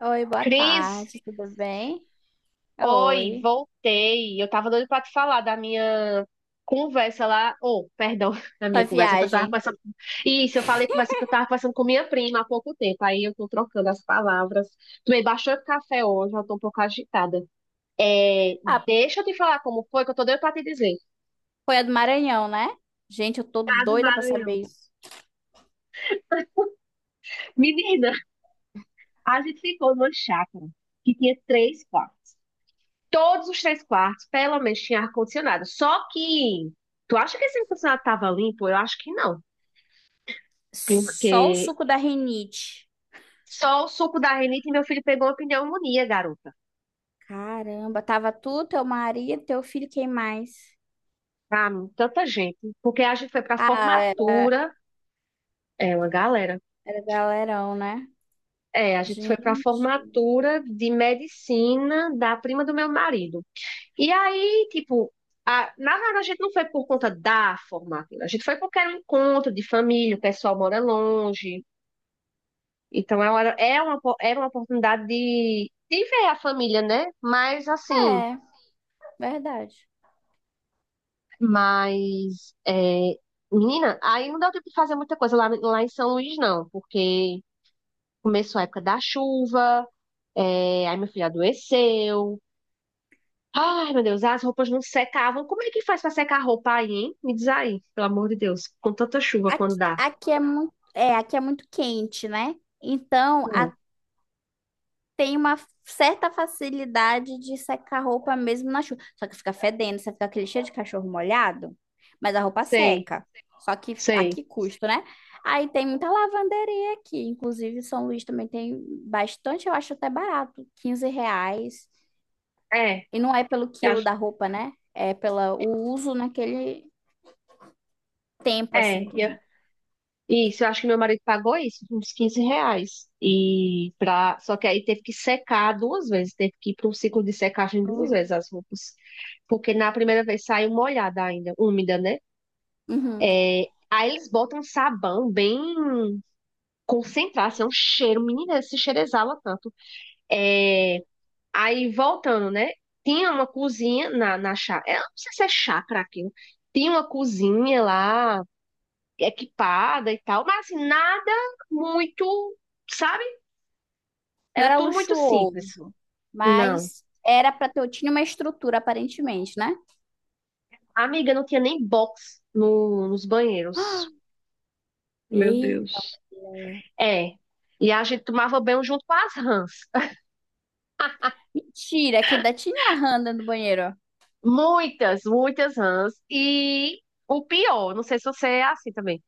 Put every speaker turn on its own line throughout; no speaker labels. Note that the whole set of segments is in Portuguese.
Oi, boa
Cris,
tarde, tudo bem?
oi,
Oi.
voltei. Eu tava doida pra te falar da minha conversa lá. Oh, perdão, da
Sua
minha conversa que eu tava
viagem?
conversando. Isso, eu falei conversa que eu tava conversando com minha prima há pouco tempo. Aí eu tô trocando as palavras. Tomei bastante café hoje, eu tô um pouco agitada. É,
Ah,
deixa eu te falar como foi, que eu tô doida pra te dizer.
foi a do Maranhão, né? Gente, eu tô
Tá do
doida pra
Maranhão.
saber isso.
Menina, a gente ficou numa chácara que tinha três quartos. Todos os três quartos, pelo menos, tinha ar-condicionado. Só que, tu acha que esse ar-condicionado estava limpo? Eu acho que não.
Só o
Porque
suco da rinite.
só o suco da rinite, meu filho pegou uma pneumonia, garota.
Caramba, tava tu, teu marido, teu filho, quem mais?
Pra mim, tanta gente. Porque a gente foi pra
Ah, era,
formatura, é uma galera.
era galerão, né?
É, a gente foi pra
Gente.
formatura de medicina da prima do meu marido. E aí, tipo, na verdade a gente não foi por conta da formatura, a gente foi porque era um encontro de família, o pessoal mora longe. Então ela era, é uma, po- era uma oportunidade de ver a família, né? Mas assim,
É, verdade.
mas é, menina, aí não deu tempo de fazer muita coisa lá, lá em São Luís, não, porque começou a época da chuva, é, aí meu filho adoeceu. Ai, meu Deus, as roupas não secavam. Como é que faz pra secar a roupa aí, hein? Me diz aí, pelo amor de Deus, com tanta chuva
Aqui,
quando dá.
aqui é muito, é, aqui é muito quente, né? Então,
Hum,
a tem uma certa facilidade de secar a roupa mesmo na chuva. Só que fica fedendo, você fica aquele cheiro de cachorro molhado, mas a roupa
sei,
seca. Só que a
sei.
que custo, né? Aí tem muita lavanderia aqui. Inclusive, São Luís também tem bastante, eu acho até barato, 15 reais.
É,
E não é pelo
eu
quilo
acho-
da roupa, né? É pelo uso naquele tempo, assim,
é,
que a gente...
Isso, eu acho que meu marido pagou isso, uns R$ 15. Só que aí teve que secar duas vezes, teve que ir para um ciclo de secagem duas vezes as roupas. Porque na primeira vez saiu molhada ainda, úmida, né?
Uhum.
Aí eles botam sabão bem concentrado, assim, é um cheiro, menina, esse cheiro exala tanto. É... Aí voltando, né? Tinha uma cozinha na chácara, eu não sei se é chácara aquilo. Tinha uma cozinha lá, equipada e tal, mas assim, nada muito, sabe?
Não
Era
era
tudo muito simples.
luxuoso,
Não.
mas era para ter, tinha uma estrutura, aparentemente, né?
Amiga, não tinha nem box nos banheiros. Meu
Eita,
Deus.
mulher.
É. E a gente tomava banho junto com as rãs.
Mentira, que ainda tinha a Handa no banheiro.
Muitas, muitas rãs. E o pior, não sei se você é assim também.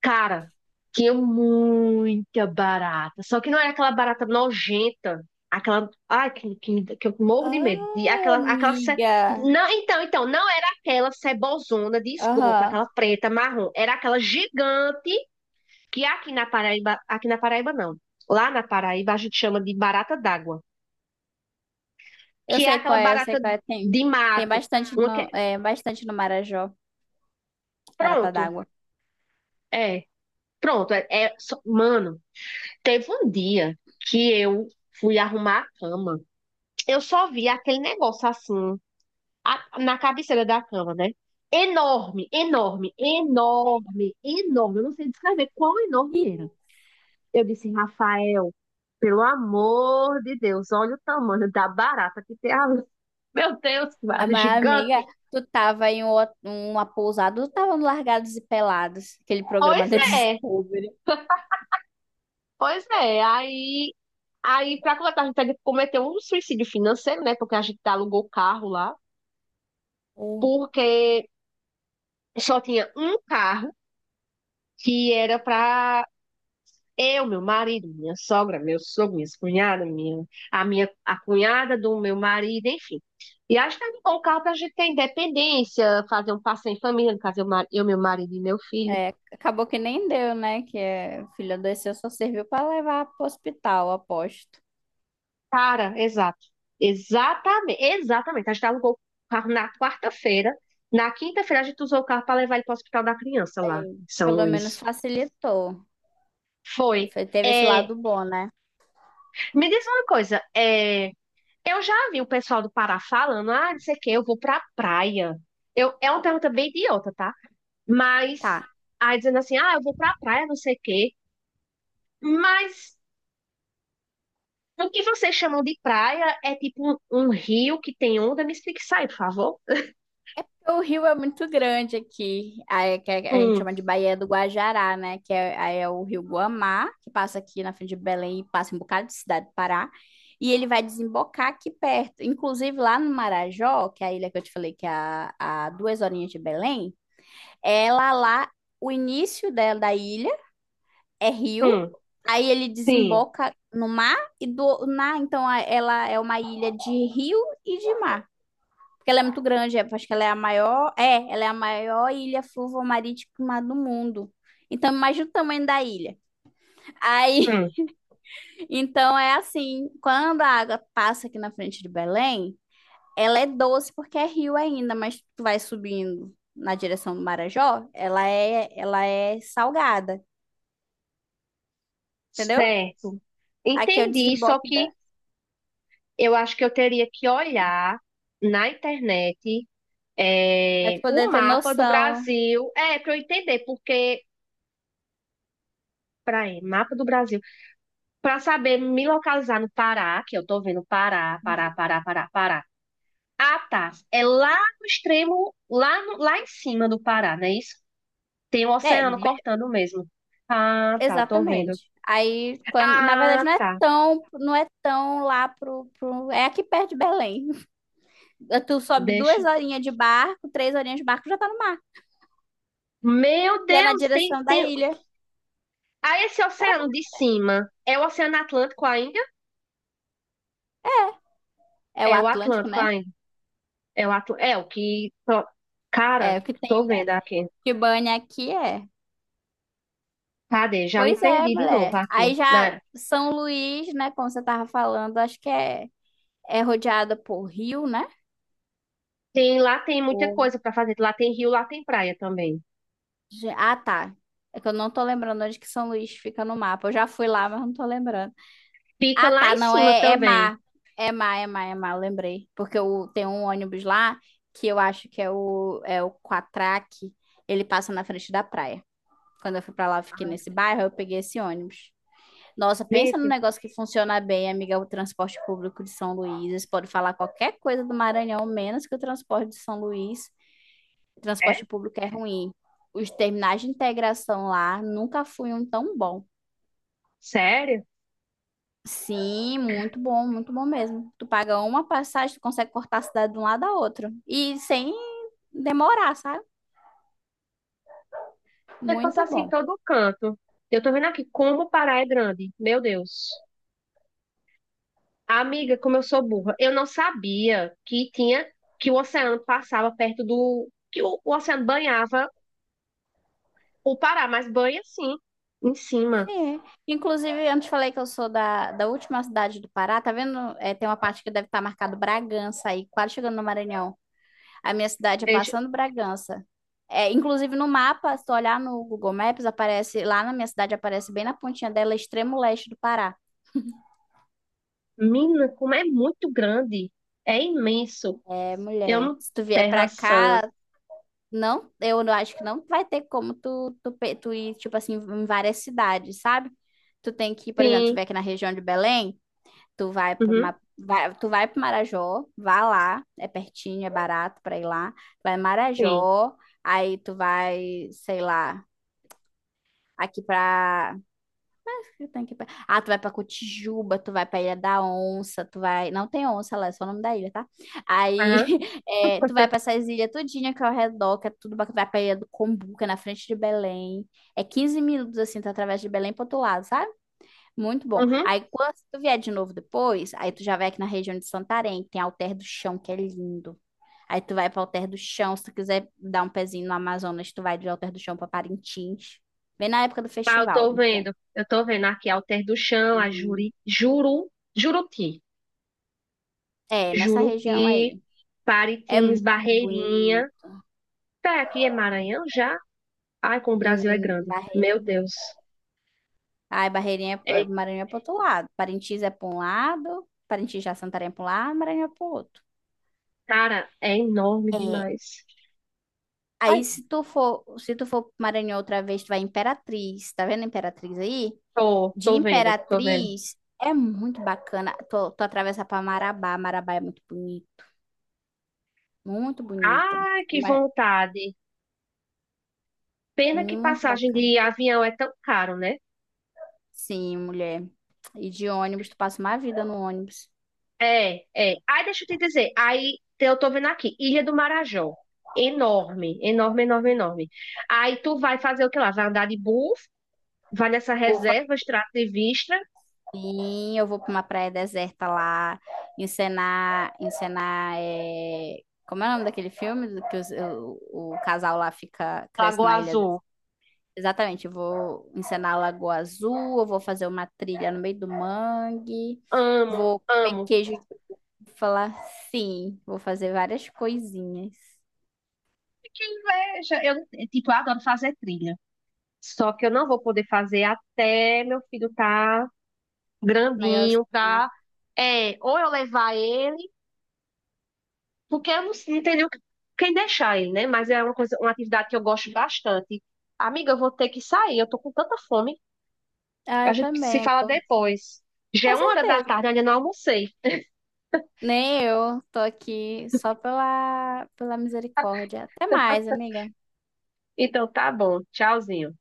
Cara, tinha muita barata. Só que não era aquela barata nojenta. Aquela. Ai, que eu morro de medo. De,
Ai,
aquela, aquela. Ce-
amiga.
Não, então, não era aquela cebozona de esgoto,
Aham.
aquela preta, marrom. Era aquela gigante que aqui na Paraíba. Aqui na Paraíba, não. Lá na Paraíba a gente chama de barata d'água.
Eu
Que é
sei
aquela
qual é, eu sei
barata
qual é. Tem,
de
tem
mato. Uma que-
bastante no Marajó, Maratá
Pronto.
d'Água.
É. Pronto. Mano. Teve um dia que eu fui arrumar a cama. Eu só vi aquele negócio assim, na cabeceira da cama, né? Enorme, enorme, enorme, enorme. Eu não sei descrever quão
Ih,
enorme era. Eu disse, Rafael, pelo amor de Deus, olha o tamanho da barata que tem ali. Meu Deus, que
ah,
barata
mas, amiga,
gigante.
tu tava em uma pousada, tu tava no Largados e Pelados, aquele programa
Pois
da
é,
Discovery.
pois é. Aí, para completar, a gente cometeu um suicídio financeiro, né? Porque a gente alugou o carro lá.
o-
Porque só tinha um carro que era para eu, meu marido, minha sogra, meu sogro, minha cunhada, minha, a minha a cunhada do meu marido, enfim. E acho que era um bom carro para a gente ter independência, fazer um passeio em família, no caso eu, meu marido e meu filho.
É, acabou que nem deu, né? Que é, o filho adoeceu, só serviu pra levar pro hospital, aposto.
Cara, exato. Exatamente, exatamente. A gente alugou o carro na quarta-feira. Na quinta-feira a gente usou o carro para levar ele para o hospital da criança lá
É.
em São
Pelo menos
Luís.
facilitou.
Foi.
Teve esse
É,
lado bom, né?
me diz uma coisa, eu já vi o pessoal do Pará falando, ah, não sei o que, eu vou pra praia. Eu, é uma pergunta bem idiota, tá? Mas,
Tá.
aí dizendo assim, ah, eu vou pra praia, não sei o quê. Mas, o que vocês chamam de praia é tipo um rio que tem onda? Me explique isso aí, por favor.
O rio é muito grande aqui, aí que a gente
Hum,
chama de Baía do Guajará, né? Que é, aí é o rio Guamá, que passa aqui na frente de Belém e passa em um bocado de cidade do Pará. E ele vai desembocar aqui perto. Inclusive, lá no Marajó, que é a ilha que eu te falei que é a 2 horinhas de Belém, ela lá, o início dela, da ilha é rio,
hum,
aí ele
sim,
desemboca no mar então ela é uma ilha de rio e de mar. Porque ela é muito grande, acho que ela é a maior ilha fluvial-marítima do mundo. Então, imagina o tamanho da ilha. Aí,
hum,
então é assim, quando a água passa aqui na frente de Belém, ela é doce porque é rio ainda, mas tu vai subindo na direção do Marajó, ela é salgada, entendeu?
certo.
Aqui é o
Entendi, só
desemboque da,
que eu acho que eu teria que olhar na internet,
pra tu poder
o
ter
mapa do
noção.
Brasil. É, para eu entender, porque... Peraí, mapa do Brasil. Pra saber me localizar no Pará, que eu tô vendo Pará, Pará, Pará, Pará, Pará. Ah, tá. É lá no extremo, lá, lá em cima do Pará, não é isso? Tem o
É,
oceano cortando mesmo. Ah, tá, tô vendo.
exatamente. Aí, quando, na
Ah,
verdade,
tá.
não é tão lá é aqui perto de Belém. Tu sobe
Deixa.
2 horinhas de barco, 3 horinhas de barco, já tá no mar.
Meu
E é na
Deus, tem,
direção da
tem.
ilha.
Ah, esse oceano de cima é o Oceano Atlântico ainda?
É o
É o
Atlântico,
Atlântico
né?
ainda. É o que. Ó, cara,
É, o que
tô
tem
vendo aqui.
de banha aqui é.
Cadê? Já me
Pois é,
perdi de novo
mulher. Aí
aqui.
já
Né?
São Luís, né, como você tava falando, é rodeada por rio, né?
Tem, lá tem muita
Ou...
coisa para fazer. Lá tem rio, lá tem praia também.
Ah, tá. É que eu não tô lembrando onde que São Luís fica no mapa. Eu já fui lá, mas não tô lembrando.
Fica
Ah,
lá
tá,
em
não,
cima
é
também.
má. É má, é má, é má, eu lembrei. Porque eu, tem um ônibus lá que eu acho que é o Quatraque. Ele passa na frente da praia. Quando eu fui pra lá, eu fiquei nesse
Ah.
bairro, eu peguei esse ônibus. Nossa, pensa num
Gente,
negócio que funciona bem, amiga, o transporte público de São Luís. Eles podem falar qualquer coisa do Maranhão, menos que o transporte de São Luís. O
é?
transporte público é ruim. Os terminais de integração lá nunca foi um tão bom.
Sério?
Sim, muito bom mesmo. Tu paga uma passagem, tu consegue cortar a cidade de um lado a outro. E sem demorar, sabe?
Vai passar
Muito
assim em
bom.
todo canto. Eu tô vendo aqui como o Pará é grande. Meu Deus. Amiga, como eu sou burra. Eu não sabia que tinha que o oceano passava perto do que o oceano banhava o Pará, mas banha sim, em cima.
Sim. Inclusive, antes falei que eu sou da última cidade do Pará, tá vendo? É, tem uma parte que deve estar marcado Bragança aí, quase chegando no Maranhão. A minha cidade é
Gente,
passando Bragança. É, inclusive no mapa, se tu olhar no Google Maps, aparece lá na minha cidade, aparece bem na pontinha dela, extremo leste do Pará.
mina, como é muito grande. É imenso.
É,
Eu
mulher,
não
se tu vier
Terra
pra
Santa.
cá, não, eu acho que não vai ter como tu ir, tipo assim, em várias cidades, sabe? Tu tem que, por exemplo, tu
Sim.
vem aqui na região de Belém,
Uhum.
tu vai para Marajó, vá lá, é pertinho, é barato para ir lá. Vai em
Sim.
Marajó, aí tu vai, sei lá, aqui para eu tenho que ir ah, tu vai pra Cotijuba, tu vai pra Ilha da Onça, tu vai. Não tem onça lá, é só o nome da ilha, tá? Aí
Aham,
é, tu vai pra essas ilhas tudinha que é ao redor, que é tudo bacana. Tu vai pra Ilha do Combu, que é na frente de Belém. É 15 minutos assim, tu através de Belém pro outro lado, sabe? Muito bom.
uhum.
Aí quando tu vier de novo depois, aí tu já vai aqui na região de Santarém, que tem Alter do Chão, que é lindo. Aí tu vai pra Alter do Chão, se tu quiser dar um pezinho no Amazonas, tu vai de Alter do Chão pra Parintins. Bem na época do
Ah, eu
festival,
tô
muito bom.
vendo. Eu tô vendo aqui Alter do Chão, a
Uhum.
Juri, Juru, Juruti.
É, nessa região
Juruti,
aí. É
Paritins,
muito
Barreirinha.
bonito.
Tá, aqui é Maranhão já? Ai, como o Brasil é
Hum.
grande. Meu Deus.
Ai, Barreirinha,
É,
Maranhão é pro outro lado. Parintins é pra um lado, Parintins já Santarém é pra um lado, Maranhão é pro outro.
cara, é enorme
É.
demais.
Aí,
Ai,
se tu for, se tu for pro Maranhão outra vez, tu vai em Imperatriz. Tá vendo a Imperatriz aí?
tô,
De
tô vendo, tô vendo.
Imperatriz é muito bacana. Tu atravessa pra Marabá. Marabá é muito bonito. Muito bonito.
Ai, que
Uma-
vontade. Pena que
Muito
passagem
bacana.
de avião é tão caro, né?
Sim, mulher. E de ônibus, tu passa uma vida no ônibus.
É, é. Aí deixa eu te dizer. Eu tô vendo aqui, Ilha do Marajó. Enorme, enorme, enorme, enorme. Aí tu vai fazer o que lá? Vai andar de bus, vai nessa
Vou
reserva extrativista,
Sim, eu vou para uma praia deserta lá, encenar, encenar, é... como é o nome daquele filme do que o casal lá fica, cresce
Lagoa
na ilha?
Azul.
Exatamente, eu vou encenar a Lagoa Azul, eu vou fazer uma trilha no meio do mangue,
Amo,
vou comer
amo.
queijo de falar sim, vou fazer várias coisinhas.
Que inveja! Eu, tipo, eu adoro fazer trilha. Só que eu não vou poder fazer até meu filho tá
Mas,
grandinho, tá? É, ou eu levar ele, porque eu não, não tenho nem quem deixar ele, né? Mas é uma coisa, uma atividade que eu gosto bastante. Amiga, eu vou ter que sair, eu tô com tanta fome.
ah,
A
eu
gente se
também,
fala depois. Já
com
é uma hora da
certeza.
tarde, eu ainda não almocei.
Nem eu, tô aqui só pela misericórdia. Até mais, amiga.
Então tá bom, tchauzinho.